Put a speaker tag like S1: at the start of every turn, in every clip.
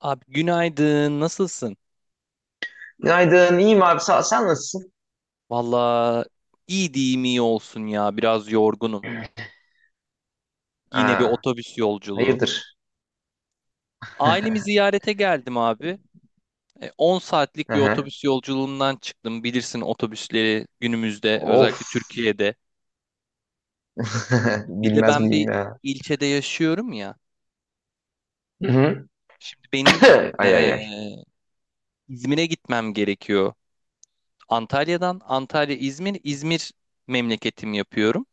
S1: Abi günaydın, nasılsın?
S2: Günaydın, iyiyim abi sağ ol. Sen nasılsın?
S1: Valla iyi diyeyim iyi olsun ya, biraz yorgunum. Yine bir
S2: Aa,
S1: otobüs yolculuğu.
S2: hayırdır?
S1: Ailemi ziyarete geldim abi. 10 saatlik bir
S2: Aha.
S1: otobüs yolculuğundan çıktım. Bilirsin otobüsleri günümüzde, özellikle
S2: Of.
S1: Türkiye'de. Bir de
S2: Bilmez
S1: ben bir
S2: miyim ya?
S1: ilçede yaşıyorum ya.
S2: Hı-hı.
S1: Şimdi benim
S2: Ay
S1: e,
S2: ay ay.
S1: İzmir'e gitmem gerekiyor. Antalya'dan Antalya İzmir, İzmir memleketim yapıyorum.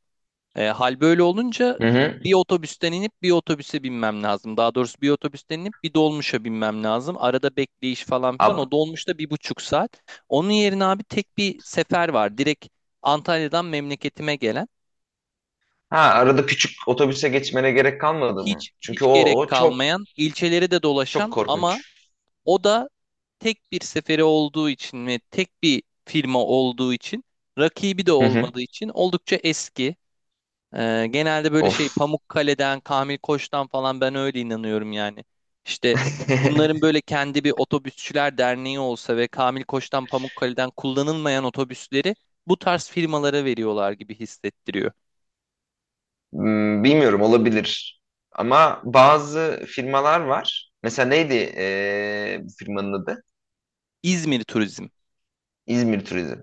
S1: Hal böyle olunca
S2: Hı-hı.
S1: bir otobüsten inip bir otobüse binmem lazım. Daha doğrusu bir otobüsten inip bir dolmuşa binmem lazım. Arada bekleyiş falan filan. O
S2: Ab
S1: dolmuşta bir buçuk saat. Onun yerine abi tek bir sefer var. Direkt Antalya'dan memleketime gelen.
S2: ha, arada küçük otobüse geçmene gerek kalmadı mı?
S1: Hiç hiç gerek
S2: O çok
S1: kalmayan, ilçeleri de dolaşan, ama
S2: korkunç.
S1: o da tek bir seferi olduğu için ve tek bir firma olduğu için, rakibi de
S2: Hı-hı.
S1: olmadığı için oldukça eski. Genelde böyle şey
S2: Of.
S1: Pamukkale'den, Kamil Koç'tan falan ben öyle inanıyorum yani. İşte bunların böyle kendi bir otobüsçüler derneği olsa ve Kamil Koç'tan, Pamukkale'den kullanılmayan otobüsleri bu tarz firmalara veriyorlar gibi hissettiriyor.
S2: Hmm, bilmiyorum, olabilir. Ama bazı firmalar var. Mesela neydi bu firmanın adı?
S1: İzmir Turizm.
S2: İzmir Turizm.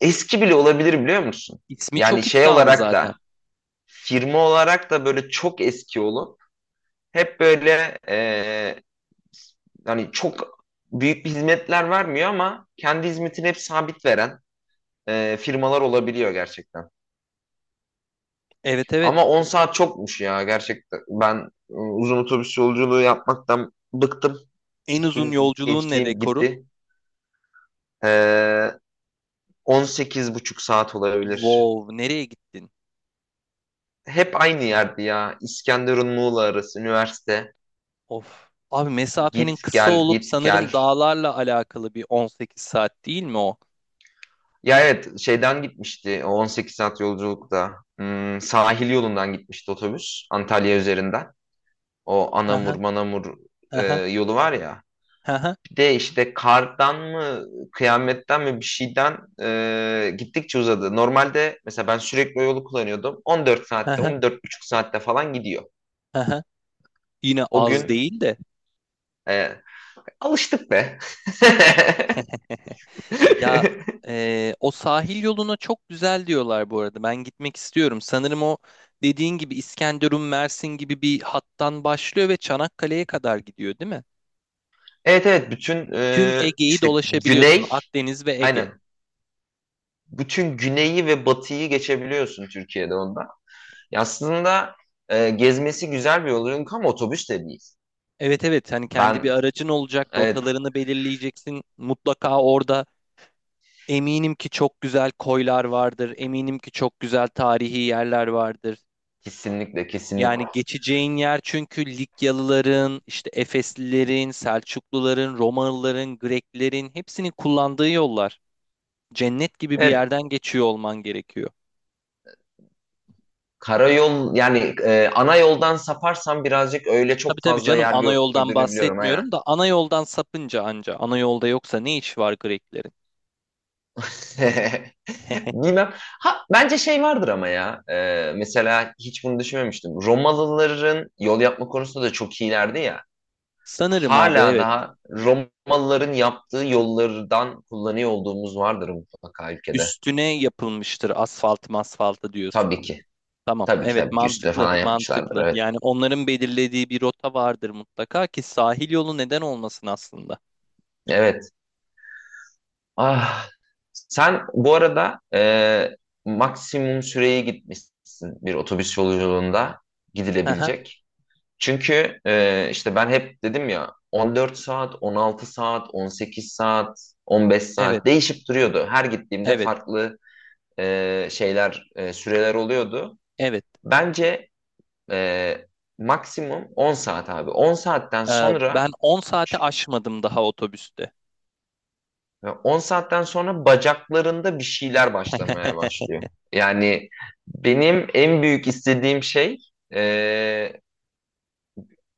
S2: Eski bile olabilir, biliyor musun?
S1: İsmi
S2: Yani
S1: çok
S2: şey
S1: iddialı
S2: olarak
S1: zaten.
S2: da firma olarak da böyle çok eski olup hep böyle hani çok büyük bir hizmetler vermiyor ama kendi hizmetini hep sabit veren firmalar olabiliyor gerçekten.
S1: Evet, evet.
S2: Ama 10 saat çokmuş ya gerçekten. Ben uzun otobüs yolculuğu yapmaktan bıktım.
S1: En uzun
S2: Bütün
S1: yolculuğun ne,
S2: gençliğim
S1: rekorun?
S2: gitti. E, 18 buçuk saat olabilir.
S1: Wow, nereye gittin?
S2: Hep aynı yerdi ya. İskenderun Muğla arası üniversite.
S1: Of. Abi mesafenin
S2: Git
S1: kısa
S2: gel
S1: olup
S2: git gel.
S1: sanırım dağlarla alakalı bir 18 saat, değil mi o?
S2: Ya evet şeyden gitmişti o 18 saat yolculukta. Hmm, sahil yolundan gitmişti otobüs Antalya üzerinden.
S1: Hı
S2: Anamur
S1: hı,
S2: Manamur
S1: hı
S2: e,
S1: hı,
S2: yolu var ya.
S1: hı hı,
S2: Bir de işte kardan mı kıyametten mi bir şeyden gittikçe uzadı. Normalde mesela ben sürekli o yolu kullanıyordum. 14
S1: hı
S2: saatte
S1: hı.
S2: 14,5 saatte falan gidiyor.
S1: Aha, yine
S2: O
S1: az
S2: gün
S1: değil de.
S2: e, Alıştık be.
S1: Ya e, o sahil yoluna çok güzel diyorlar bu arada. Ben gitmek istiyorum. Sanırım o dediğin gibi İskenderun, Mersin gibi bir hattan başlıyor ve Çanakkale'ye kadar gidiyor, değil mi?
S2: Evet evet, bütün
S1: Tüm Ege'yi
S2: işte
S1: dolaşabiliyorsun.
S2: güney,
S1: Akdeniz ve Ege.
S2: aynen, bütün güneyi ve batıyı geçebiliyorsun Türkiye'de onda. Ya aslında gezmesi güzel bir yol çünkü, ama otobüs de değil.
S1: Evet evet, hani kendi bir
S2: Ben
S1: aracın olacak,
S2: evet,
S1: rotalarını belirleyeceksin. Mutlaka orada eminim ki çok güzel koylar vardır. Eminim ki çok güzel tarihi yerler vardır.
S2: kesinlikle kesinlikle.
S1: Yani geçeceğin yer, çünkü Likyalıların, işte Efeslilerin, Selçukluların, Romalıların, Greklerin hepsinin kullandığı yollar. Cennet gibi bir
S2: Evet,
S1: yerden geçiyor olman gerekiyor.
S2: karayol yani, ana yoldan saparsam birazcık öyle
S1: Tabii
S2: çok
S1: tabii
S2: fazla
S1: canım,
S2: yer
S1: ana yoldan
S2: gördüğünü biliyorum, aynen.
S1: bahsetmiyorum da ana yoldan sapınca anca ana yolda, yoksa ne iş var Greklerin?
S2: Bilmem. Ha, bence şey vardır ama ya. Mesela hiç bunu düşünmemiştim. Romalıların yol yapma konusunda da çok iyilerdi ya.
S1: Sanırım abi,
S2: Hala
S1: evet,
S2: daha Romalıların yaptığı yollardan kullanıyor olduğumuz vardır mutlaka ülkede.
S1: üstüne yapılmıştır asfalt masfaltı diyorsun.
S2: Tabii ki.
S1: Tamam
S2: Tabii ki
S1: evet,
S2: tabii ki, üstüne
S1: mantıklı
S2: falan yapmışlardır.
S1: mantıklı,
S2: Evet.
S1: yani onların belirlediği bir rota vardır mutlaka ki sahil yolu neden olmasın aslında.
S2: Evet. Ah. Sen bu arada maksimum süreye gitmişsin bir otobüs yolculuğunda
S1: Hı.
S2: gidilebilecek. Çünkü işte ben hep dedim ya, 14 saat, 16 saat, 18 saat, 15
S1: Evet.
S2: saat değişip duruyordu. Her gittiğimde
S1: Evet,
S2: farklı süreler oluyordu.
S1: evet.
S2: Bence e, maksimum 10 saat abi. 10 saatten
S1: Ee,
S2: sonra
S1: ben 10 saate aşmadım daha otobüste.
S2: 10 saatten sonra bacaklarında bir şeyler başlamaya başlıyor. Yani benim en büyük istediğim şey e,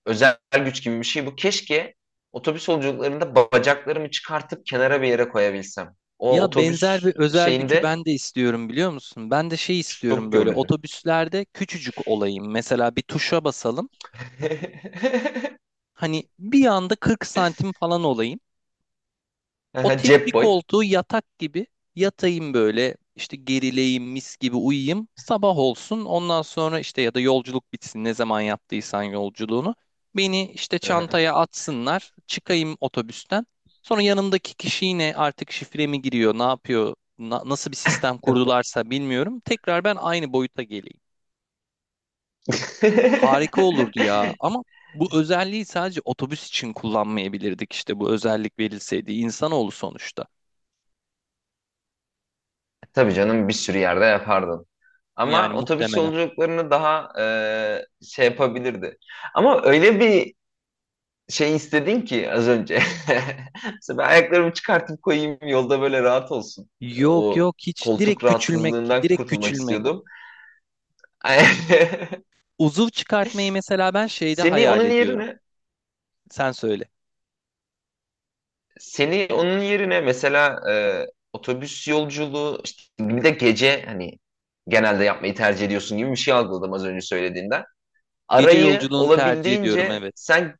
S2: özel güç gibi bir şey bu. Keşke otobüs yolculuklarında bacaklarımı çıkartıp kenara bir yere koyabilsem. O
S1: Ya benzer
S2: otobüs
S1: bir özel gücü
S2: şeyinde
S1: ben de istiyorum, biliyor musun? Ben de şey istiyorum,
S2: çok
S1: böyle
S2: yorucu.
S1: otobüslerde küçücük olayım. Mesela bir tuşa basalım. Hani bir anda 40 santim falan olayım. O
S2: Aha,
S1: tekli
S2: cep boy.
S1: koltuğu yatak gibi yatayım, böyle işte gerileyim, mis gibi uyuyayım, sabah olsun, ondan sonra işte ya da yolculuk bitsin ne zaman yaptıysan yolculuğunu, beni işte
S2: Aha.
S1: çantaya atsınlar, çıkayım otobüsten, sonra yanımdaki kişi yine artık şifre mi giriyor, ne yapıyor, nasıl bir sistem kurdularsa bilmiyorum, tekrar ben aynı boyuta geleyim. Harika olurdu ya, ama bu özelliği sadece otobüs için kullanmayabilirdik, işte bu özellik verilseydi insanoğlu sonuçta,
S2: Tabii canım, bir sürü yerde yapardın. Ama
S1: yani
S2: otobüs
S1: muhtemelen.
S2: yolculuklarını daha şey yapabilirdi. Ama öyle bir şey istedin ki az önce. Mesela ben ayaklarımı çıkartıp koyayım yolda, böyle rahat olsun.
S1: Yok
S2: O
S1: yok, hiç,
S2: koltuk
S1: direkt küçülmek,
S2: rahatsızlığından
S1: direkt
S2: kurtulmak
S1: küçülmek.
S2: istiyordum.
S1: Uzuv çıkartmayı mesela ben şeyde
S2: Seni
S1: hayal
S2: onun
S1: ediyorum.
S2: yerine
S1: Sen söyle.
S2: Seni onun yerine mesela otobüs yolculuğu işte bir de gece, hani genelde yapmayı tercih ediyorsun gibi bir şey algıladım az önce söylediğinden.
S1: Gece
S2: Arayı
S1: yolculuğunu tercih ediyorum,
S2: olabildiğince
S1: evet.
S2: sen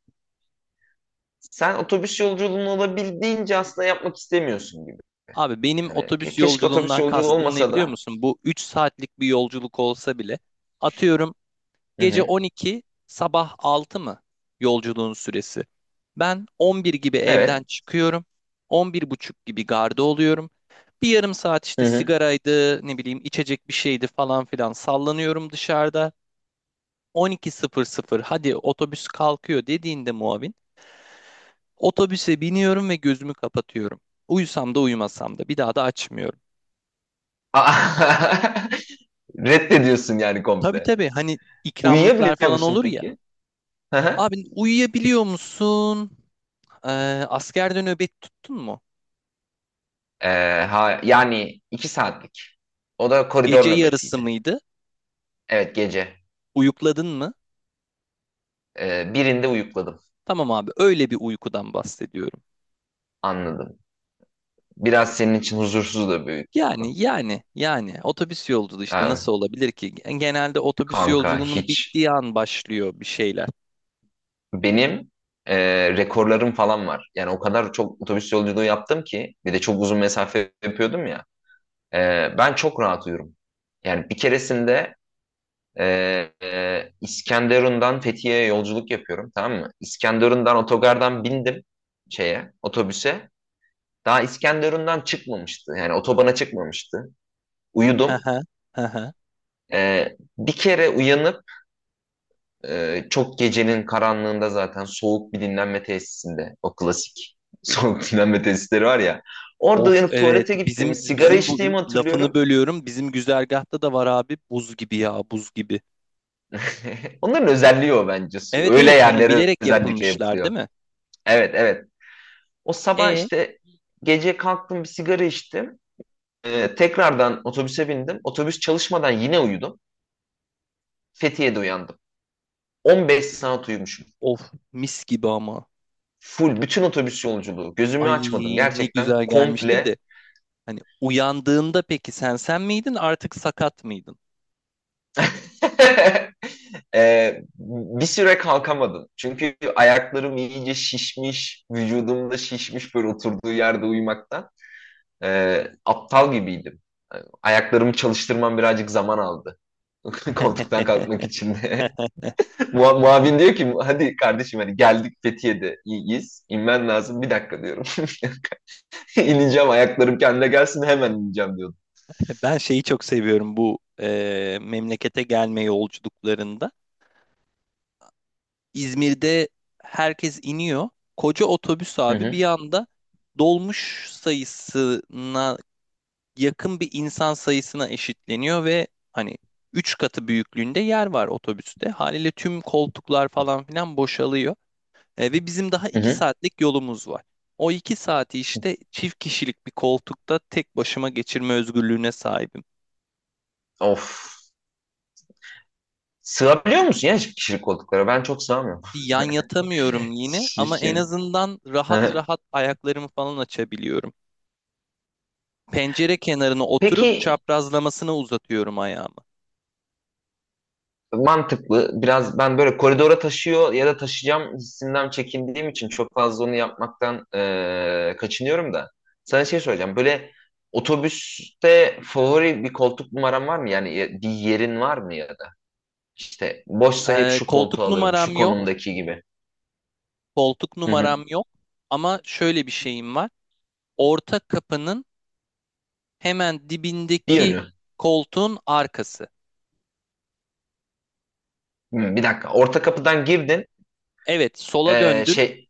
S2: Sen otobüs yolculuğunu olabildiğince aslında yapmak istemiyorsun gibi.
S1: Abi benim
S2: Yani
S1: otobüs
S2: keşke otobüs
S1: yolculuğundan
S2: yolculuğu
S1: kastım ne,
S2: olmasa
S1: biliyor
S2: da.
S1: musun? Bu 3 saatlik bir yolculuk olsa bile, atıyorum,
S2: Hı
S1: gece
S2: hı.
S1: 12 sabah 6 mı yolculuğun süresi? Ben 11 gibi evden
S2: Evet.
S1: çıkıyorum. 11 buçuk gibi garda oluyorum. Bir yarım saat
S2: Hı
S1: işte
S2: hı.
S1: sigaraydı, ne bileyim içecek bir şeydi falan filan, sallanıyorum dışarıda. 12:00, hadi otobüs kalkıyor dediğinde muavin, otobüse biniyorum ve gözümü kapatıyorum. Uyusam da uyumasam da bir daha da açmıyorum.
S2: Aa. Reddediyorsun yani
S1: Tabii
S2: komple.
S1: tabii, hani ikramlıklar
S2: Uyuyabiliyor
S1: falan
S2: musun
S1: olur ya.
S2: peki? Hı hı.
S1: Abi uyuyabiliyor musun? Ee, Askerde nöbet tuttun mu?
S2: Ha, Yani iki saatlik. O da
S1: Gece
S2: koridor
S1: yarısı
S2: nöbetiydi.
S1: mıydı?
S2: Evet, gece.
S1: Uyukladın mı?
S2: Birinde uyukladım.
S1: Tamam abi, öyle bir uykudan bahsediyorum.
S2: Anladım. Biraz senin için huzursuz da bir uyku.
S1: Yani yani yani otobüs yolculuğu işte
S2: Ha,
S1: nasıl olabilir ki? Genelde otobüs
S2: kanka
S1: yolculuğunun
S2: hiç.
S1: bittiği an başlıyor bir şeyler.
S2: Benim e, rekorlarım falan var. Yani o kadar çok otobüs yolculuğu yaptım ki, bir de çok uzun mesafe yapıyordum ya. E, Ben çok rahat uyurum. Yani bir keresinde e, İskenderun'dan Fethiye'ye yolculuk yapıyorum, tamam mı? İskenderun'dan otogardan bindim şeye, otobüse. Daha İskenderun'dan çıkmamıştı. Yani otobana çıkmamıştı.
S1: Hı
S2: Uyudum.
S1: hı. Hı hı.
S2: E, Bir kere uyanıp çok gecenin karanlığında zaten soğuk bir dinlenme tesisinde, o klasik soğuk dinlenme tesisleri var ya. Orada
S1: Of
S2: uyanıp
S1: evet,
S2: tuvalete gittiğimi,
S1: bizim
S2: sigara
S1: bizim bu
S2: içtiğimi
S1: lafını
S2: hatırlıyorum.
S1: bölüyorum. Bizim güzergahta da var abi, buz gibi ya, buz gibi.
S2: Onların özelliği o bence.
S1: Evet
S2: Öyle
S1: evet, hani
S2: yerlere
S1: bilerek
S2: özellikle
S1: yapılmışlar, değil
S2: yapılıyor.
S1: mi?
S2: Evet, evet. O sabah
S1: E
S2: işte gece kalktım, bir sigara içtim. Tekrardan otobüse bindim. Otobüs çalışmadan yine uyudum. Fethiye'de uyandım. 15 saat uyumuşum.
S1: of mis gibi ama.
S2: Full bütün otobüs yolculuğu. Gözümü
S1: Ay
S2: açmadım.
S1: ne
S2: Gerçekten
S1: güzel gelmiştir de.
S2: komple.
S1: Hani uyandığında peki sen sen miydin artık, sakat mıydın?
S2: Bir süre kalkamadım. Çünkü ayaklarım iyice şişmiş, vücudumda şişmiş böyle oturduğu yerde uyumaktan. Aptal gibiydim. Yani ayaklarımı çalıştırmam birazcık zaman aldı. Koltuktan kalkmak için de. Muavin diyor ki hadi kardeşim, hani geldik, Fethiye'de iyiyiz, İnmen lazım. Bir dakika diyorum. İneceğim, ayaklarım kendine gelsin, hemen ineceğim diyordum.
S1: Ben şeyi çok seviyorum bu memlekete gelme yolculuklarında. İzmir'de herkes iniyor. Koca otobüs
S2: Hı
S1: abi bir
S2: hı,
S1: anda dolmuş sayısına yakın bir insan sayısına eşitleniyor ve hani 3 katı büyüklüğünde yer var otobüste. Haliyle tüm koltuklar falan filan boşalıyor. E, ve bizim daha
S2: hı
S1: iki
S2: hı.
S1: saatlik yolumuz var. O 2 saati işte çift kişilik bir koltukta tek başıma geçirme özgürlüğüne sahibim.
S2: Of. Sığabiliyor musun ya kişilik koltuklara? Ben çok sığamıyorum.
S1: Bir yan yatamıyorum yine ama
S2: Şiş.
S1: en azından rahat
S2: Hı.
S1: rahat ayaklarımı falan açabiliyorum. Pencere kenarına oturup
S2: Peki,
S1: çaprazlamasına uzatıyorum ayağımı.
S2: mantıklı. Biraz ben böyle koridora taşıyor ya da taşıyacağım hissinden çekindiğim için çok fazla onu yapmaktan kaçınıyorum da. Sana şey soracağım. Böyle otobüste favori bir koltuk numaran var mı? Bir yerin var mı ya da? İşte boşsa hep
S1: E,
S2: şu
S1: koltuk
S2: koltuğu alırım.
S1: numaram
S2: Şu
S1: yok.
S2: konumdaki gibi.
S1: Koltuk
S2: Hı hı.
S1: numaram yok ama şöyle bir şeyim var. Orta kapının hemen
S2: Bir
S1: dibindeki
S2: yönü.
S1: koltuğun arkası.
S2: Hı, bir dakika. Orta kapıdan girdin.
S1: Evet, sola
S2: Eee,
S1: döndün,
S2: şey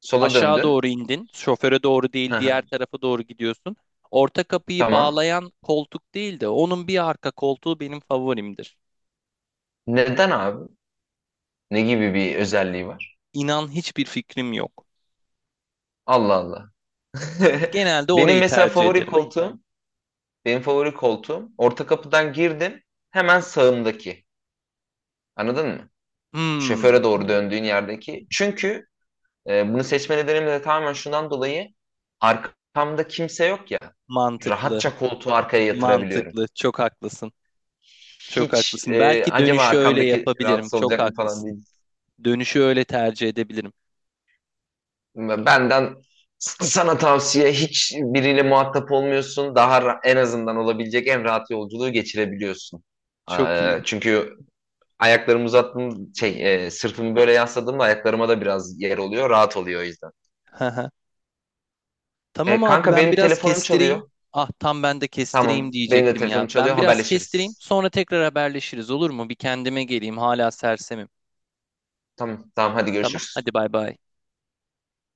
S2: Sola
S1: aşağı
S2: döndün.
S1: doğru indin. Şoföre doğru
S2: Hı
S1: değil, diğer
S2: hı.
S1: tarafa doğru gidiyorsun. Orta kapıyı
S2: Tamam.
S1: bağlayan koltuk değil de onun bir arka koltuğu benim favorimdir.
S2: Neden abi? Ne gibi bir özelliği var?
S1: İnan, hiçbir fikrim yok.
S2: Allah Allah.
S1: Genelde
S2: Benim
S1: orayı
S2: mesela
S1: tercih
S2: favori
S1: ederim.
S2: koltuğum, benim favori koltuğum, orta kapıdan girdim hemen sağımdaki. Anladın mı?
S1: Hmm,
S2: Şoföre doğru döndüğün yerdeki. Çünkü bunu seçme nedenim de tamamen şundan dolayı, arkamda kimse yok ya.
S1: mantıklı,
S2: Rahatça koltuğu arkaya yatırabiliyorum.
S1: mantıklı. Çok haklısın. Çok
S2: Hiç
S1: haklısın. Belki
S2: acaba
S1: dönüşü öyle
S2: arkamdaki
S1: yapabilirim.
S2: rahatsız
S1: Çok
S2: olacak mı falan diye.
S1: haklısın. Dönüşü öyle tercih edebilirim.
S2: Ve Benden Sana tavsiye, hiç biriyle muhatap olmuyorsun. Daha en azından olabilecek en rahat yolculuğu geçirebiliyorsun.
S1: Çok iyi.
S2: Çünkü ayaklarımı uzattım, sırtımı böyle yasladığımda ayaklarıma da biraz yer oluyor. Rahat oluyor o yüzden.
S1: Haha. Tamam abi,
S2: Kanka
S1: ben
S2: benim
S1: biraz
S2: telefonum
S1: kestireyim.
S2: çalıyor.
S1: Ah tam ben de kestireyim
S2: Tamam, benim de
S1: diyecektim ya.
S2: telefonum çalıyor.
S1: Ben biraz kestireyim,
S2: Haberleşiriz.
S1: sonra tekrar haberleşiriz, olur mu? Bir kendime geleyim, hala sersemim.
S2: Tamam, tamam, hadi
S1: Tamam
S2: görüşürüz.
S1: hadi, bay bay.